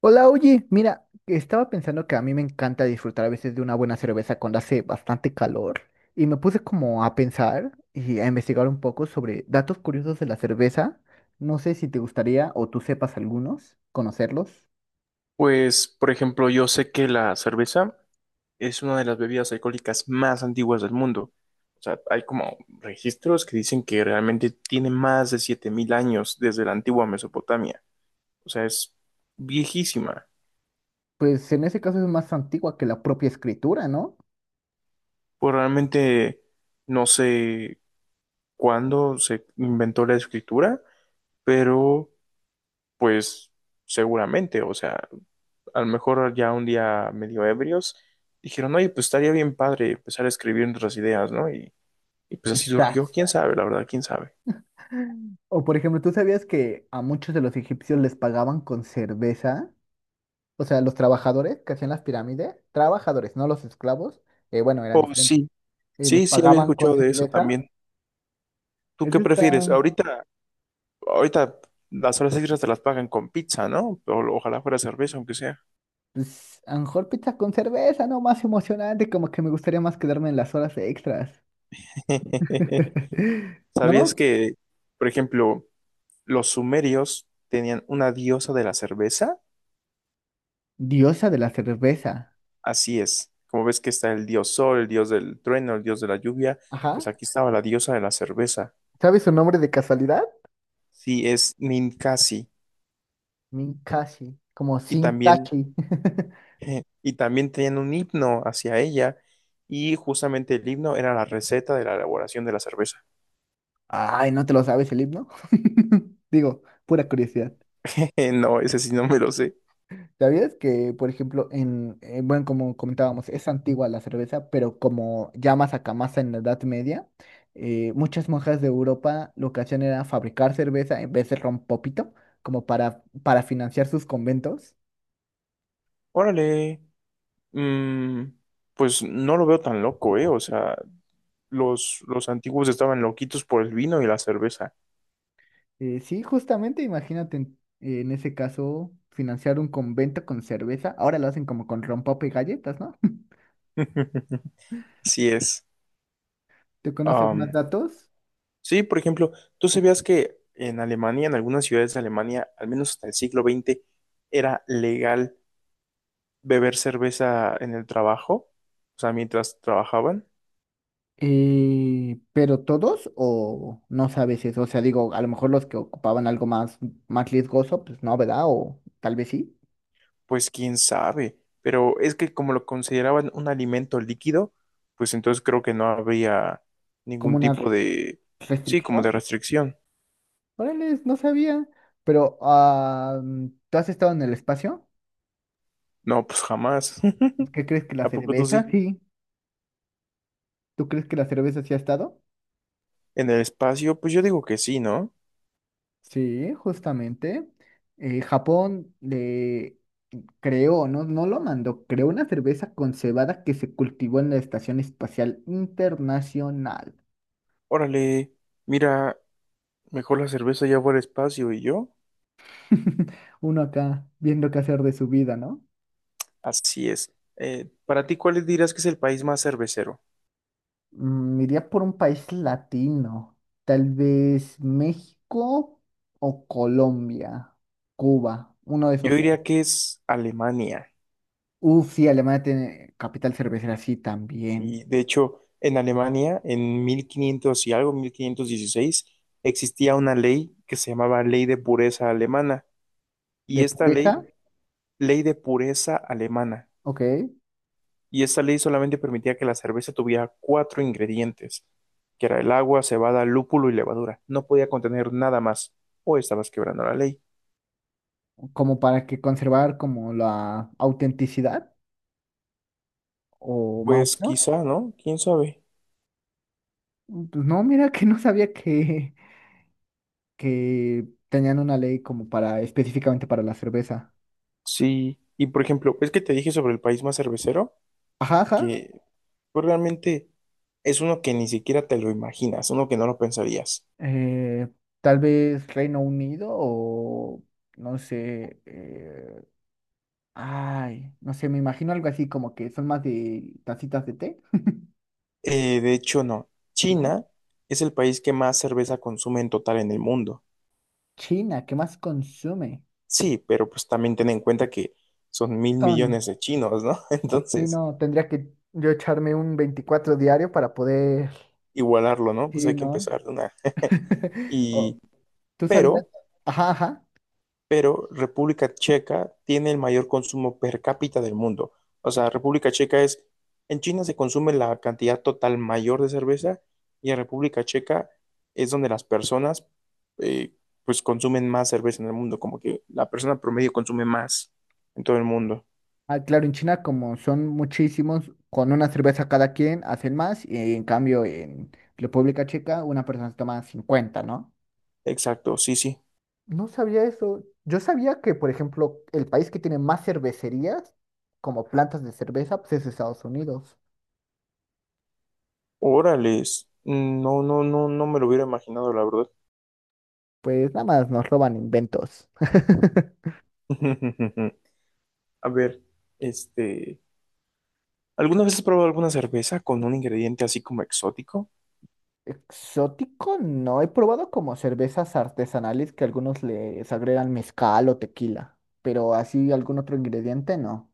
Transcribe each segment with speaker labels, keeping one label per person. Speaker 1: Hola, oye, mira, estaba pensando que a mí me encanta disfrutar a veces de una buena cerveza cuando hace bastante calor y me puse como a pensar y a investigar un poco sobre datos curiosos de la cerveza. No sé si te gustaría o tú sepas algunos, conocerlos.
Speaker 2: Pues, por ejemplo, yo sé que la cerveza es una de las bebidas alcohólicas más antiguas del mundo. O sea, hay como registros que dicen que realmente tiene más de 7000 años desde la antigua Mesopotamia. O sea, es viejísima.
Speaker 1: Pues en ese caso es más antigua que la propia escritura, ¿no?
Speaker 2: Pues realmente no sé cuándo se inventó la escritura, pero pues seguramente, o sea, a lo mejor ya un día medio ebrios dijeron, oye, pues estaría bien padre empezar a escribir nuestras ideas, ¿no? Y pues así
Speaker 1: Quizás.
Speaker 2: surgió, quién sabe, la verdad, quién sabe.
Speaker 1: O por ejemplo, ¿tú sabías que a muchos de los egipcios les pagaban con cerveza? O sea, los trabajadores que hacían las pirámides, trabajadores, no los esclavos, bueno, eran
Speaker 2: Oh,
Speaker 1: diferentes.
Speaker 2: sí,
Speaker 1: Y les
Speaker 2: sí, sí había
Speaker 1: pagaban con
Speaker 2: escuchado de eso
Speaker 1: cerveza.
Speaker 2: también. ¿Tú qué
Speaker 1: Eso está,
Speaker 2: prefieres? Ahorita, las horas extras te las pagan con pizza, ¿no? O, ojalá fuera cerveza, aunque sea.
Speaker 1: pues, a lo mejor pizza con cerveza, ¿no? Más emocionante, como que me gustaría más quedarme en las horas extras.
Speaker 2: ¿Sabías
Speaker 1: ¿No?
Speaker 2: que, por ejemplo, los sumerios tenían una diosa de la cerveza?
Speaker 1: Diosa de la cerveza.
Speaker 2: Así es. Como ves que está el dios sol, el dios del trueno, el dios de la lluvia,
Speaker 1: Ajá.
Speaker 2: pues aquí estaba la diosa de la cerveza.
Speaker 1: ¿Sabes su nombre de casualidad?
Speaker 2: Sí, es Ninkasi.
Speaker 1: Minkashi, como
Speaker 2: Y también
Speaker 1: Sinkashi.
Speaker 2: y también tenían un himno hacia ella. Y justamente el himno era la receta de la elaboración de la cerveza.
Speaker 1: Ay, ¿no te lo sabes el himno? Digo, pura curiosidad.
Speaker 2: No, ese sí no me lo sé.
Speaker 1: ¿Sabías que, por ejemplo, bueno, como comentábamos, es antigua la cerveza, pero como ya más acá, más en la Edad Media, muchas monjas de Europa lo que hacían era fabricar cerveza en vez de ron popito, como para financiar sus conventos.
Speaker 2: Órale. mm, pues no lo veo tan loco, ¿eh? O sea, los antiguos estaban loquitos por el vino y la cerveza.
Speaker 1: Sí, justamente, imagínate en ese caso, financiar un convento con cerveza. Ahora lo hacen como con rompope y galletas, ¿no?
Speaker 2: Así es.
Speaker 1: ¿Te conoces más
Speaker 2: Am,
Speaker 1: datos?
Speaker 2: sí, por ejemplo, tú sabías que en Alemania, en algunas ciudades de Alemania, al menos hasta el siglo XX, era legal beber cerveza en el trabajo, o sea, mientras trabajaban.
Speaker 1: Pero todos o no sabes eso, o sea, digo, a lo mejor los que ocupaban algo más riesgoso, pues no, ¿verdad? O tal vez sí,
Speaker 2: Pues quién sabe, pero es que como lo consideraban un alimento líquido, pues entonces creo que no habría
Speaker 1: como
Speaker 2: ningún tipo
Speaker 1: una
Speaker 2: de, sí, como de
Speaker 1: restricción.
Speaker 2: restricción.
Speaker 1: Órale, no sabía, pero ah, ¿tú has estado en el espacio?
Speaker 2: No, pues jamás.
Speaker 1: ¿Qué crees que la
Speaker 2: ¿A poco tú
Speaker 1: cerveza?
Speaker 2: sí?
Speaker 1: Sí. ¿Tú crees que la cerveza sí ha estado?
Speaker 2: En el espacio, pues yo digo que sí, ¿no?
Speaker 1: Sí, justamente. Japón le creó, no, no lo mandó, creó una cerveza con cebada que se cultivó en la Estación Espacial Internacional.
Speaker 2: Órale, mira, mejor la cerveza ya fue al espacio y yo.
Speaker 1: Uno acá viendo qué hacer de su vida, ¿no?
Speaker 2: Así es. Para ti, ¿cuál dirías que es el país más cervecero?
Speaker 1: Iría por un país latino, tal vez México o Colombia, Cuba, uno de
Speaker 2: Yo
Speaker 1: esos tres.
Speaker 2: diría que es Alemania.
Speaker 1: Uf, sí, Alemania tiene capital cervecera, sí, también.
Speaker 2: Y de hecho, en Alemania, en 1500 y algo, 1516, existía una ley que se llamaba Ley de Pureza Alemana. Y
Speaker 1: De
Speaker 2: esta ley,
Speaker 1: pureza,
Speaker 2: Ley de Pureza Alemana.
Speaker 1: ok,
Speaker 2: Y esta ley solamente permitía que la cerveza tuviera cuatro ingredientes, que era el agua, cebada, lúpulo y levadura. No podía contener nada más, o estabas quebrando la ley.
Speaker 1: como para que conservar como la autenticidad o más o
Speaker 2: Pues
Speaker 1: menos.
Speaker 2: quizá, ¿no? ¿Quién sabe?
Speaker 1: Pues no, mira que no sabía que tenían una ley como para específicamente para la cerveza.
Speaker 2: Sí. Y por ejemplo, es que te dije sobre el país más cervecero,
Speaker 1: Ajá, ajá.
Speaker 2: que Pues realmente es uno que ni siquiera te lo imaginas, uno que no lo pensarías.
Speaker 1: eh, Tal vez Reino Unido o no sé, ay, no sé, me imagino algo así como que son más de tacitas de té,
Speaker 2: De hecho, no.
Speaker 1: ¿no?
Speaker 2: China es el país que más cerveza consume en total en el mundo.
Speaker 1: China, ¿qué más consume?
Speaker 2: Sí, pero pues también ten en cuenta que son mil
Speaker 1: Son,
Speaker 2: millones de chinos, ¿no?
Speaker 1: sí,
Speaker 2: Entonces,
Speaker 1: no, tendría que yo echarme un 24 diario para poder,
Speaker 2: igualarlo, ¿no? Pues
Speaker 1: sí,
Speaker 2: hay que
Speaker 1: ¿no?
Speaker 2: empezar de una. Y,
Speaker 1: Oh, ¿tú sabías?
Speaker 2: pero
Speaker 1: Ajá, ajá.
Speaker 2: pero República Checa tiene el mayor consumo per cápita del mundo. O sea, República Checa es, en China se consume la cantidad total mayor de cerveza y en República Checa es donde las personas eh, pues consumen más cerveza en el mundo, como que la persona promedio consume más en todo el mundo.
Speaker 1: Ah, claro, en China como son muchísimos, con una cerveza cada quien hacen más y en cambio en República Checa una persona se toma 50, ¿no?
Speaker 2: Exacto, sí, sí.
Speaker 1: No sabía eso. Yo sabía que, por ejemplo, el país que tiene más cervecerías como plantas de cerveza, pues es Estados Unidos.
Speaker 2: Órales, no, no, no, no me lo hubiera imaginado, la verdad.
Speaker 1: Pues nada más nos roban inventos.
Speaker 2: A ver, este, ¿alguna vez has probado alguna cerveza con un ingrediente así como exótico?
Speaker 1: Exótico, no. He probado como cervezas artesanales que algunos les agregan mezcal o tequila, pero así algún otro ingrediente no.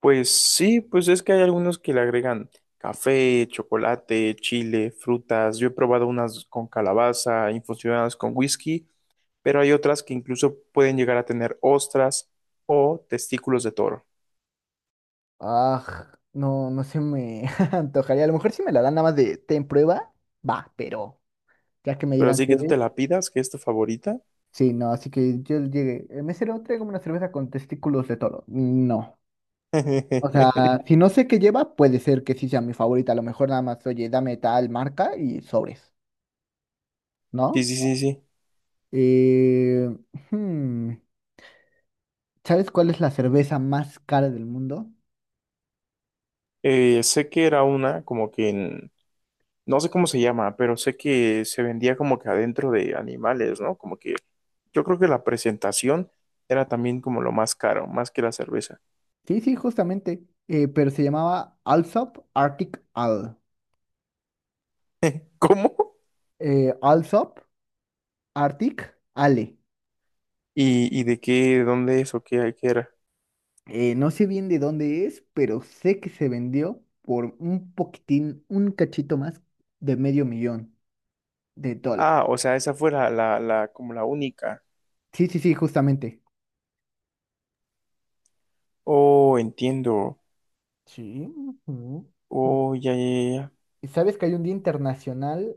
Speaker 2: Pues sí, pues es que hay algunos que le agregan café, chocolate, chile, frutas. Yo he probado unas con calabaza, infusionadas con whisky, pero hay otras que incluso pueden llegar a tener ostras o testículos de toro.
Speaker 1: Ah, no, no se me antojaría. A lo mejor si me la dan nada más de, ten prueba, va, pero ya que me
Speaker 2: Pero
Speaker 1: digan
Speaker 2: así
Speaker 1: qué
Speaker 2: que tú te
Speaker 1: es.
Speaker 2: la pidas, que es tu favorita.
Speaker 1: Sí, no, así que yo llegué. El mesero, traigo una cerveza con testículos de toro. No. O sea, si no sé qué lleva, puede ser que sí sea mi favorita. A lo mejor nada más, oye, dame tal marca y sobres,
Speaker 2: Sí,
Speaker 1: ¿no?
Speaker 2: sí, sí, sí.
Speaker 1: Eh, hmm, ¿Sabes cuál es la cerveza más cara del mundo?
Speaker 2: Sé que era una como que en... No sé cómo se llama, pero sé que se vendía como que adentro de animales, ¿no? Como que yo creo que la presentación era también como lo más caro, más que la cerveza.
Speaker 1: Sí, sí, justamente. Pero se llamaba Alsop Arctic Ale.
Speaker 2: ¿Cómo?
Speaker 1: Alsop Arctic Ale.
Speaker 2: ¿Y de qué, dónde es o qué era?
Speaker 1: No sé bien de dónde es, pero sé que se vendió por un poquitín, un cachito más de medio millón de dólares.
Speaker 2: Ah, o sea, esa fue la, como la única.
Speaker 1: Sí, sí, sí, justamente.
Speaker 2: Oh, entiendo.
Speaker 1: Sí. Ujú.
Speaker 2: Oh, ya, ya, ya. Ya.
Speaker 1: ¿Sabes que hay un Día Internacional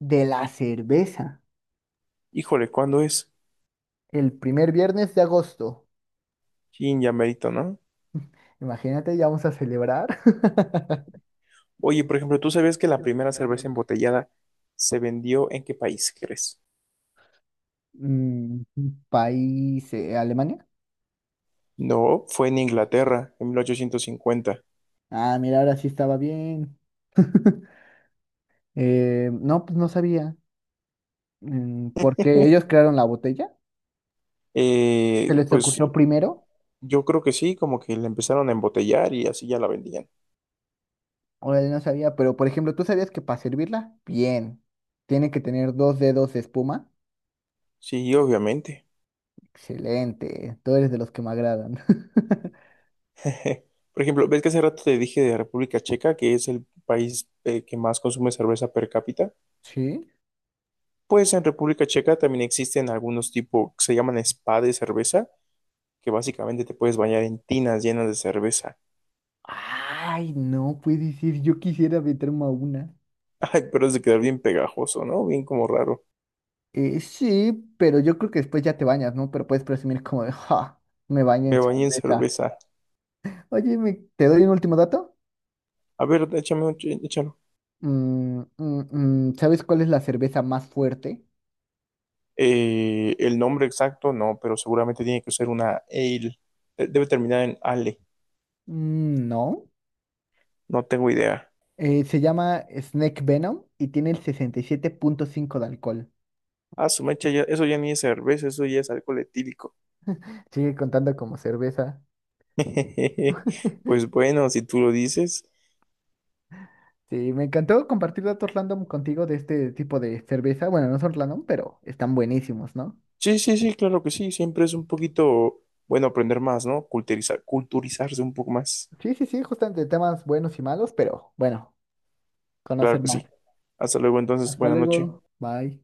Speaker 1: de la Cerveza?
Speaker 2: Híjole, ¿cuándo es?
Speaker 1: El primer viernes de agosto.
Speaker 2: Chin, ya merito, ¿no?
Speaker 1: Imagínate, ya vamos a celebrar.
Speaker 2: Oye, por ejemplo, ¿tú sabías que la primera cerveza embotellada se vendió en qué país crees?
Speaker 1: Mm, País, Alemania.
Speaker 2: No, fue en Inglaterra, en 1850.
Speaker 1: Ah, mira, ahora sí estaba bien. No, pues no sabía. Porque ellos crearon la botella, se
Speaker 2: Eh,
Speaker 1: les
Speaker 2: pues
Speaker 1: ocurrió primero,
Speaker 2: yo creo que sí, como que la empezaron a embotellar y así ya la vendían.
Speaker 1: o él no sabía, pero por ejemplo, ¿tú sabías que para servirla bien tiene que tener dos dedos de espuma?
Speaker 2: Sí, obviamente.
Speaker 1: Excelente, tú eres de los que me agradan.
Speaker 2: Por ejemplo, ¿ves que hace rato te dije de República Checa, que es el país que más consume cerveza per cápita?
Speaker 1: ¿Sí?
Speaker 2: Pues en República Checa también existen algunos tipos que se llaman spa de cerveza, que básicamente te puedes bañar en tinas llenas de cerveza.
Speaker 1: Ay, no puede decir, yo quisiera meterme a una.
Speaker 2: Ay, pero es de quedar bien pegajoso, ¿no? Bien como raro.
Speaker 1: Sí, pero yo creo que después ya te bañas, ¿no? Pero puedes presumir como de, ja, me bañé
Speaker 2: Me
Speaker 1: en
Speaker 2: bañé en
Speaker 1: cerveza.
Speaker 2: cerveza.
Speaker 1: Oye, ¿te doy un último dato?
Speaker 2: A ver, échame.
Speaker 1: ¿Sabes cuál es la cerveza más fuerte?
Speaker 2: El nombre exacto no, pero seguramente tiene que ser una ale. Debe terminar en ale.
Speaker 1: Mm, no.
Speaker 2: No tengo idea.
Speaker 1: Se llama Snake Venom y tiene el 67,5 de alcohol.
Speaker 2: Ah, su mecha, eso ya ni es cerveza, eso ya es alcohol etílico.
Speaker 1: Sigue contando como cerveza.
Speaker 2: Pues bueno, si tú lo dices.
Speaker 1: Sí, me encantó compartir datos random contigo de este tipo de cerveza. Bueno, no son random, pero están buenísimos, ¿no?
Speaker 2: Sí, sí, sí, claro que sí. Siempre es un poquito bueno aprender más, ¿no? Culturizar, culturizarse un poco más.
Speaker 1: Sí, sí, sí, justamente temas buenos y malos, pero bueno,
Speaker 2: Claro
Speaker 1: conocer
Speaker 2: que
Speaker 1: más.
Speaker 2: sí. Hasta luego, entonces,
Speaker 1: Hasta
Speaker 2: buena noche.
Speaker 1: luego. Bye.